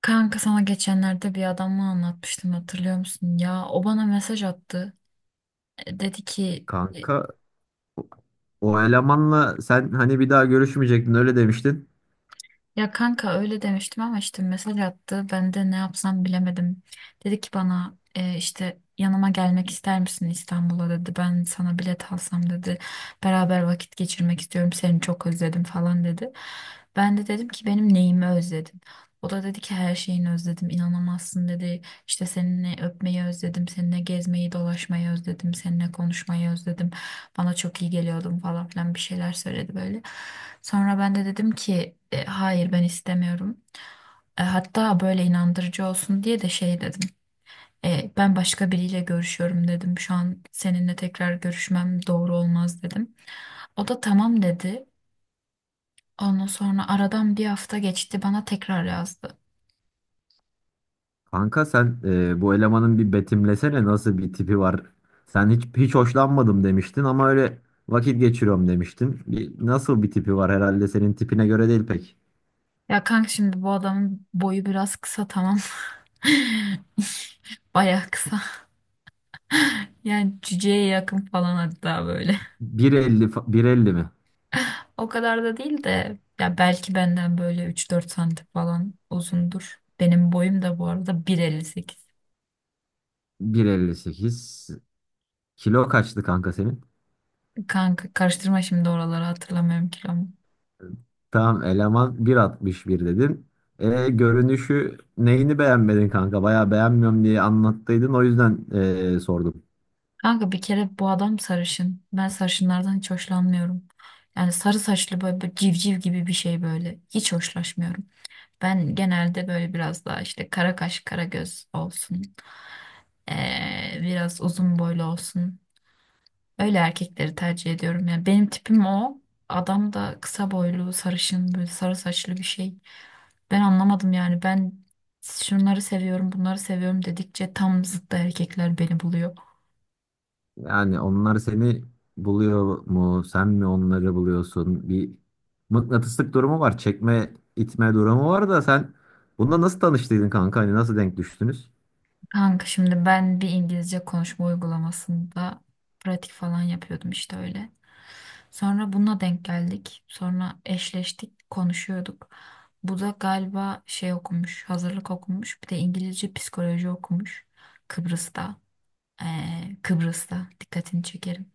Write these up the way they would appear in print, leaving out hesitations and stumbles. Kanka sana geçenlerde bir adamla anlatmıştım hatırlıyor musun? Ya o bana mesaj attı. E, Dedi ki e, Kanka o elemanla sen hani bir daha görüşmeyecektin öyle demiştin. ya kanka öyle demiştim ama işte mesaj attı. Ben de ne yapsam bilemedim. Dedi ki bana işte yanıma gelmek ister misin İstanbul'a dedi. Ben sana bilet alsam dedi. Beraber vakit geçirmek istiyorum. Seni çok özledim falan dedi. Ben de dedim ki benim neyimi özledin? O da dedi ki her şeyini özledim inanamazsın dedi. İşte seninle öpmeyi özledim, seninle gezmeyi, dolaşmayı özledim, seninle konuşmayı özledim. Bana çok iyi geliyordum falan filan bir şeyler söyledi böyle. Sonra ben de dedim ki hayır ben istemiyorum. Hatta böyle inandırıcı olsun diye de şey dedim. Ben başka biriyle görüşüyorum dedim. Şu an seninle tekrar görüşmem doğru olmaz dedim. O da tamam dedi. Ondan sonra aradan bir hafta geçti bana tekrar yazdı. Kanka sen bu elemanın bir betimlesene nasıl bir tipi var. Sen hiç hoşlanmadım demiştin ama öyle vakit geçiriyorum demiştin. Nasıl bir tipi var, herhalde senin tipine göre değil pek. Ya kanka şimdi bu adamın boyu biraz kısa tamam. Baya kısa. Yani cüceye yakın falan hatta böyle. 1,50 mi? O kadar da değil de ya belki benden böyle 3-4 santim falan uzundur. Benim boyum da bu arada 1,58. 1,58. Kilo kaçtı kanka senin? Kanka karıştırma şimdi oraları hatırlamıyorum kilomu. Tamam, eleman 1,61 dedin. Görünüşü neyini beğenmedin kanka? Bayağı beğenmiyorum diye anlattıydın, o yüzden sordum. Kanka bir kere bu adam sarışın. Ben sarışınlardan hiç hoşlanmıyorum. Yani sarı saçlı böyle, böyle civciv gibi bir şey böyle. Hiç hoşlaşmıyorum. Ben genelde böyle biraz daha işte kara kaş kara göz olsun, biraz uzun boylu olsun. Öyle erkekleri tercih ediyorum. Yani benim tipim o. Adam da kısa boylu, sarışın, böyle sarı saçlı bir şey. Ben anlamadım yani. Ben şunları seviyorum, bunları seviyorum dedikçe tam zıttı erkekler beni buluyor. Yani onlar seni buluyor mu? Sen mi onları buluyorsun? Bir mıknatıslık durumu var. Çekme, itme durumu var da sen bununla nasıl tanıştıydın kanka? Hani nasıl denk düştünüz? Kanka şimdi ben bir İngilizce konuşma uygulamasında pratik falan yapıyordum işte öyle. Sonra bununla denk geldik. Sonra eşleştik, konuşuyorduk. Bu da galiba şey okumuş, hazırlık okumuş. Bir de İngilizce psikoloji okumuş. Kıbrıs'ta. Kıbrıs'ta. Dikkatini çekerim.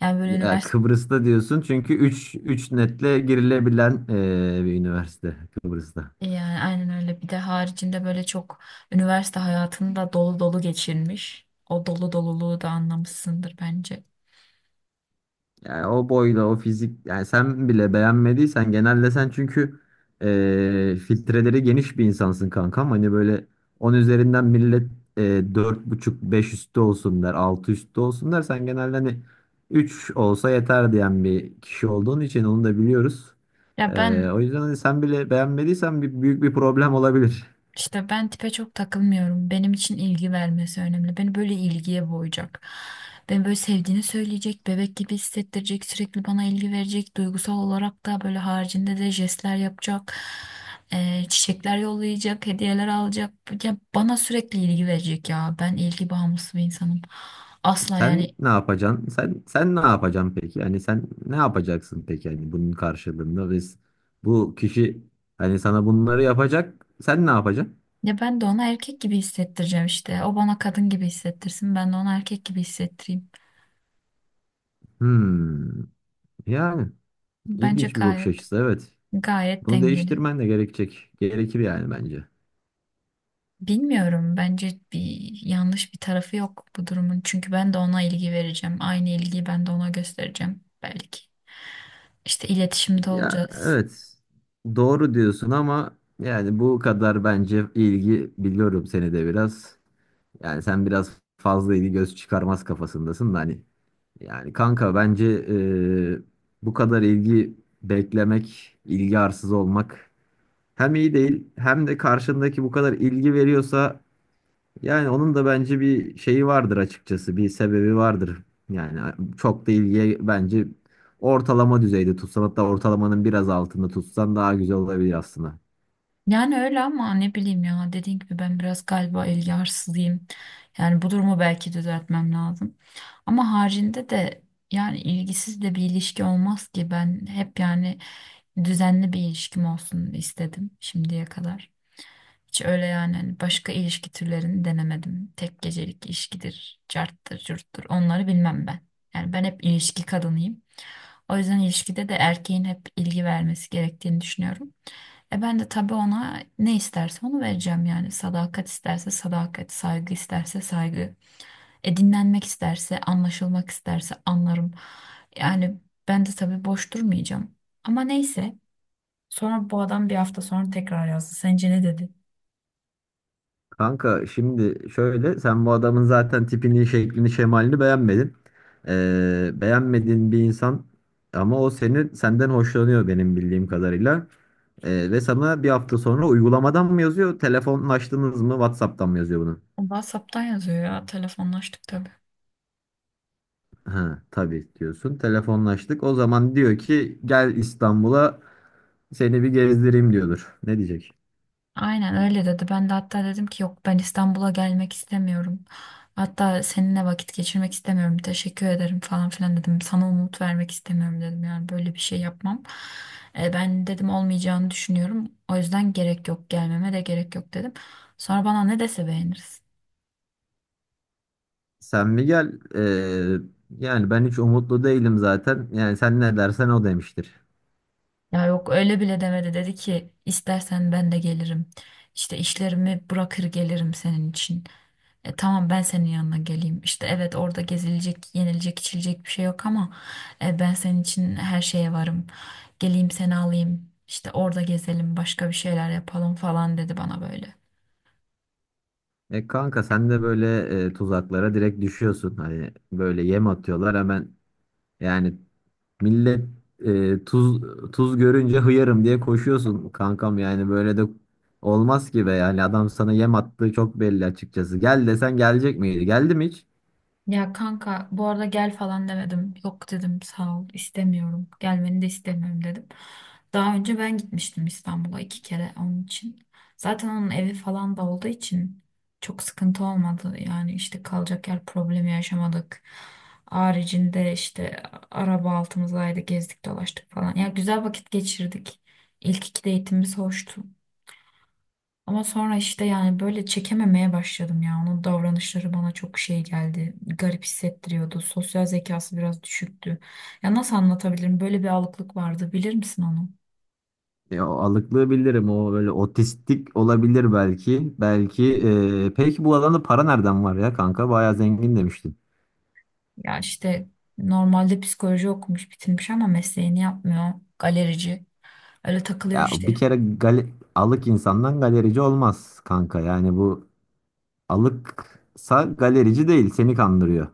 Yani böyle Ya üniversite Kıbrıs'ta diyorsun, çünkü üç netle girilebilen bir üniversite Kıbrıs'ta. yani aynen öyle. Bir de haricinde böyle çok üniversite hayatını da dolu dolu geçirmiş. O dolu doluluğu da anlamışsındır bence. Yani o boyla o fizik, yani sen bile beğenmediysen, genelde sen çünkü filtreleri geniş bir insansın kankam. Hani böyle 10 üzerinden millet dört buçuk 5 üstü olsun der, 6 üstü olsun der. Sen genelde hani 3 olsa yeter diyen bir kişi olduğun için, onu da biliyoruz. Ya ben O yüzden hani sen bile beğenmediysen büyük bir problem olabilir. İşte ben tipe çok takılmıyorum. Benim için ilgi vermesi önemli. Beni böyle ilgiye boğacak. Beni böyle sevdiğini söyleyecek, bebek gibi hissettirecek, sürekli bana ilgi verecek. Duygusal olarak da böyle haricinde de jestler yapacak. Çiçekler yollayacak, hediyeler alacak. Ya bana sürekli ilgi verecek ya. Ben ilgi bağımlısı bir insanım. Asla yani. Sen ne yapacaksın? Sen ne yapacaksın peki? Yani sen ne yapacaksın peki? Yani bunun karşılığında biz, bu kişi hani sana bunları yapacak. Sen ne yapacaksın? Ya ben de ona erkek gibi hissettireceğim işte. O bana kadın gibi hissettirsin. Ben de ona erkek gibi hissettireyim. Hmm. Yani Bence ilginç bir bakış gayet açısı, evet. gayet Bunu dengeli. değiştirmen de gerekecek. Gerekir yani bence. Bilmiyorum. Bence bir yanlış bir tarafı yok bu durumun. Çünkü ben de ona ilgi vereceğim. Aynı ilgiyi ben de ona göstereceğim belki. İşte iletişimde Ya olacağız. evet. Doğru diyorsun ama yani bu kadar, bence ilgi, biliyorum seni de biraz. Yani sen biraz fazla ilgi göz çıkarmaz kafasındasın da hani. Yani kanka bence bu kadar ilgi beklemek, ilgi arsız olmak hem iyi değil, hem de karşındaki bu kadar ilgi veriyorsa yani onun da bence bir şeyi vardır açıkçası, bir sebebi vardır. Yani çok da ilgiye bence ortalama düzeyde tutsan, hatta ortalamanın biraz altında tutsan daha güzel olabilir aslında. Yani öyle ama ne bileyim ya. Dediğim gibi ben biraz galiba ilgi arsızıyım. Yani bu durumu belki düzeltmem lazım. Ama haricinde de yani ilgisiz de bir ilişki olmaz ki. Ben hep yani düzenli bir ilişkim olsun istedim şimdiye kadar. Hiç öyle yani hani başka ilişki türlerini denemedim. Tek gecelik ilişkidir, carttır, curttur. Onları bilmem ben. Yani ben hep ilişki kadınıyım. O yüzden ilişkide de erkeğin hep ilgi vermesi gerektiğini düşünüyorum. Ben de tabii ona ne isterse onu vereceğim yani. Sadakat isterse sadakat, saygı isterse saygı. Dinlenmek isterse, anlaşılmak isterse anlarım. Yani ben de tabii boş durmayacağım. Ama neyse. Sonra bu adam bir hafta sonra tekrar yazdı. Sence ne dedi? Kanka, şimdi şöyle, sen bu adamın zaten tipini, şeklini, şemalini beğenmedin. Beğenmediğin bir insan ama o seni, senden hoşlanıyor benim bildiğim kadarıyla. Ve sana bir hafta sonra uygulamadan mı yazıyor, telefonlaştınız mı, WhatsApp'tan mı yazıyor bunu? WhatsApp'tan yazıyor ya telefonlaştık tabii. Ha, tabii diyorsun. Telefonlaştık. O zaman diyor ki gel İstanbul'a, seni bir gezdireyim diyordur. Ne diyecek? Aynen öyle dedi. Ben de hatta dedim ki yok ben İstanbul'a gelmek istemiyorum. Hatta seninle vakit geçirmek istemiyorum. Teşekkür ederim falan filan dedim. Sana umut vermek istemiyorum dedim. Yani böyle bir şey yapmam. Ben dedim olmayacağını düşünüyorum. O yüzden gerek yok gelmeme de gerek yok dedim. Sonra bana ne dese beğeniriz. Sen mi gel? Yani ben hiç umutlu değilim zaten. Yani sen ne dersen o demiştir. Ya yok öyle bile demedi. Dedi ki istersen ben de gelirim. İşte işlerimi bırakır gelirim senin için. Tamam ben senin yanına geleyim. İşte evet orada gezilecek, yenilecek, içilecek bir şey yok ama ben senin için her şeye varım. Geleyim seni alayım. İşte orada gezelim, başka bir şeyler yapalım falan dedi bana böyle. E kanka, sen de böyle tuzaklara direkt düşüyorsun. Hani böyle yem atıyorlar hemen, yani millet e, tuz tuz görünce hıyarım diye koşuyorsun kankam. Yani böyle de olmaz ki be, yani adam sana yem attığı çok belli açıkçası. Gel desen gelecek miydi? Geldi mi hiç? Ya kanka bu arada gel falan demedim. Yok dedim sağ ol istemiyorum. Gelmeni de istemiyorum dedim. Daha önce ben gitmiştim İstanbul'a iki kere onun için. Zaten onun evi falan da olduğu için çok sıkıntı olmadı. Yani işte kalacak yer problemi yaşamadık. Haricinde işte araba altımızdaydı gezdik dolaştık falan. Ya güzel vakit geçirdik. İlk iki date'imiz hoştu. Ama sonra işte yani böyle çekememeye başladım ya. Onun davranışları bana çok şey geldi. Garip hissettiriyordu. Sosyal zekası biraz düşüktü. Ya nasıl anlatabilirim? Böyle bir alıklık vardı. Bilir misin onu? O alıklığı bilirim, o böyle otistik olabilir belki. Belki peki bu alanda para nereden var ya kanka? Bayağı zengin demiştin. Ya işte normalde psikoloji okumuş, bitirmiş ama mesleğini yapmıyor. Galerici. Öyle takılıyor Ya bir işte. kere gale- alık insandan galerici olmaz kanka, yani bu. Alıksa galerici değil, seni kandırıyor.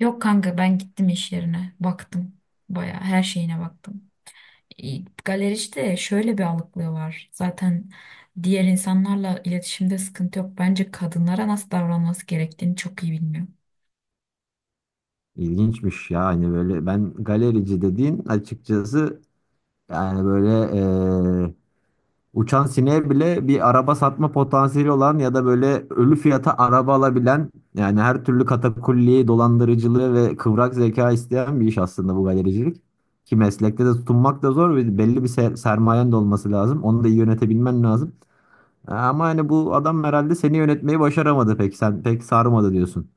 Yok kanka ben gittim iş yerine. Baktım. Bayağı her şeyine baktım. E, Galericide şöyle bir alıklığı var. Zaten diğer insanlarla iletişimde sıkıntı yok. Bence kadınlara nasıl davranması gerektiğini çok iyi bilmiyor. İlginçmiş ya, hani böyle, ben galerici dediğin açıkçası yani böyle eee, uçan sineğe bile bir araba satma potansiyeli olan ya da böyle ölü fiyata araba alabilen, yani her türlü katakulliyi, dolandırıcılığı ve kıvrak zeka isteyen bir iş aslında bu galericilik. Ki meslekte de tutunmak da zor ve belli bir sermayen de olması lazım. Onu da iyi yönetebilmen lazım. Ama hani bu adam herhalde seni yönetmeyi başaramadı pek. Sen pek sarmadı diyorsun.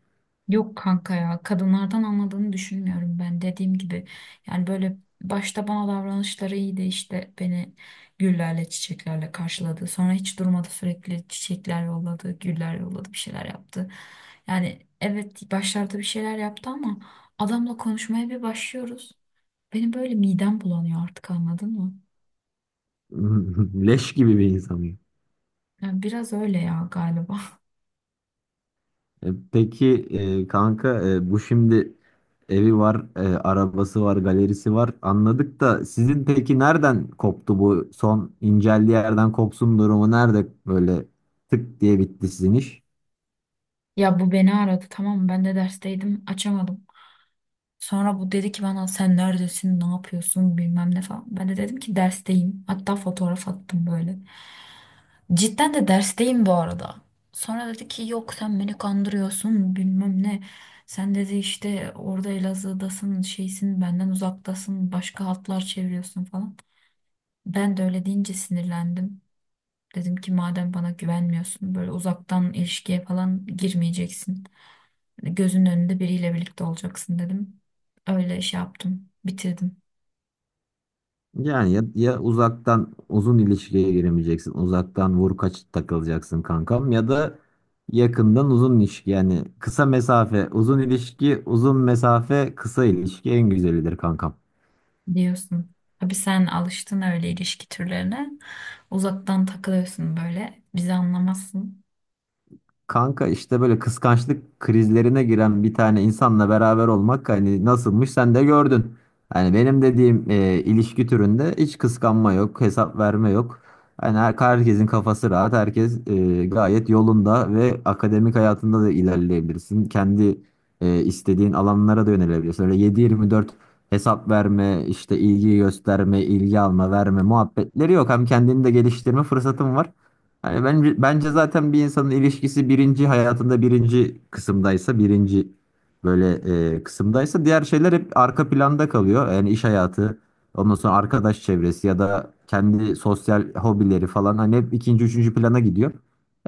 Yok kanka ya kadınlardan anladığını düşünmüyorum ben dediğim gibi. Yani böyle başta bana davranışları iyiydi işte beni güllerle çiçeklerle karşıladı. Sonra hiç durmadı sürekli çiçekler yolladı, güller yolladı bir şeyler yaptı. Yani evet başlarda bir şeyler yaptı ama adamla konuşmaya bir başlıyoruz. Benim böyle midem bulanıyor artık anladın mı? Leş gibi bir insan ya. Yani biraz öyle ya galiba. Peki kanka, bu şimdi evi var, arabası var, galerisi var. Anladık da sizin peki nereden koptu, bu son inceldiği yerden kopsun durumu nerede, böyle tık diye bitti sizin iş? Ya bu beni aradı tamam mı? Ben de dersteydim açamadım. Sonra bu dedi ki bana sen neredesin ne yapıyorsun bilmem ne falan. Ben de dedim ki dersteyim. Hatta fotoğraf attım böyle. Cidden de dersteyim bu arada. Sonra dedi ki yok sen beni kandırıyorsun bilmem ne. Sen dedi işte orada Elazığ'dasın şeysin benden uzaktasın başka hatlar çeviriyorsun falan. Ben de öyle deyince sinirlendim. Dedim ki madem bana güvenmiyorsun böyle uzaktan ilişkiye falan girmeyeceksin. Gözünün önünde biriyle birlikte olacaksın dedim. Öyle şey yaptım, bitirdim Yani ya, uzaktan uzun ilişkiye giremeyeceksin. Uzaktan vur kaç takılacaksın kankam, ya da yakından uzun ilişki, yani kısa mesafe uzun ilişki, uzun mesafe kısa ilişki en güzelidir kankam. diyorsun. Tabii sen alıştın öyle ilişki türlerine. Uzaktan takılıyorsun böyle. Bizi anlamazsın. Kanka işte böyle kıskançlık krizlerine giren bir tane insanla beraber olmak hani nasılmış sen de gördün. Hani benim dediğim ilişki türünde hiç kıskanma yok, hesap verme yok. Hani herkesin kafası rahat, herkes gayet yolunda ve akademik hayatında da ilerleyebilirsin. Kendi istediğin alanlara da yönelebilirsin. Öyle 7/24 hesap verme, işte ilgi gösterme, ilgi alma, verme muhabbetleri yok. Hem kendini de geliştirme fırsatın var. Hani bence zaten bir insanın ilişkisi birinci, hayatında birinci kısımdaysa, birinci böyle kısımdaysa, diğer şeyler hep arka planda kalıyor. Yani iş hayatı, ondan sonra arkadaş çevresi ya da kendi sosyal hobileri falan, hani hep ikinci üçüncü plana gidiyor.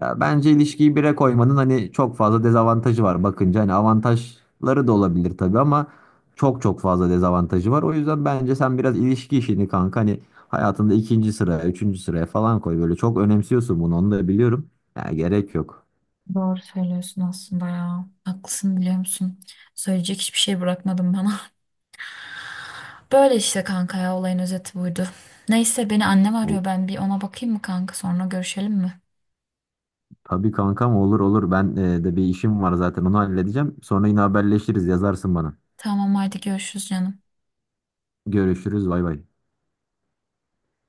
Ya bence ilişkiyi bire koymanın hani çok fazla dezavantajı var, bakınca hani avantajları da olabilir tabii ama çok çok fazla dezavantajı var. O yüzden bence sen biraz ilişki işini kanka hani hayatında ikinci sıraya, üçüncü sıraya falan koy. Böyle çok önemsiyorsun bunu, onu da biliyorum. Ya gerek yok. Doğru söylüyorsun aslında ya. Haklısın biliyor musun? Söyleyecek hiçbir şey bırakmadım bana. Böyle işte kanka ya olayın özeti buydu. Neyse beni annem O, arıyor ben bir ona bakayım mı kanka sonra görüşelim mi? tabii kankam, olur olur. Ben de bir işim var zaten, onu halledeceğim. Sonra yine haberleşiriz, yazarsın bana. Tamam haydi görüşürüz canım. Görüşürüz, bay bay.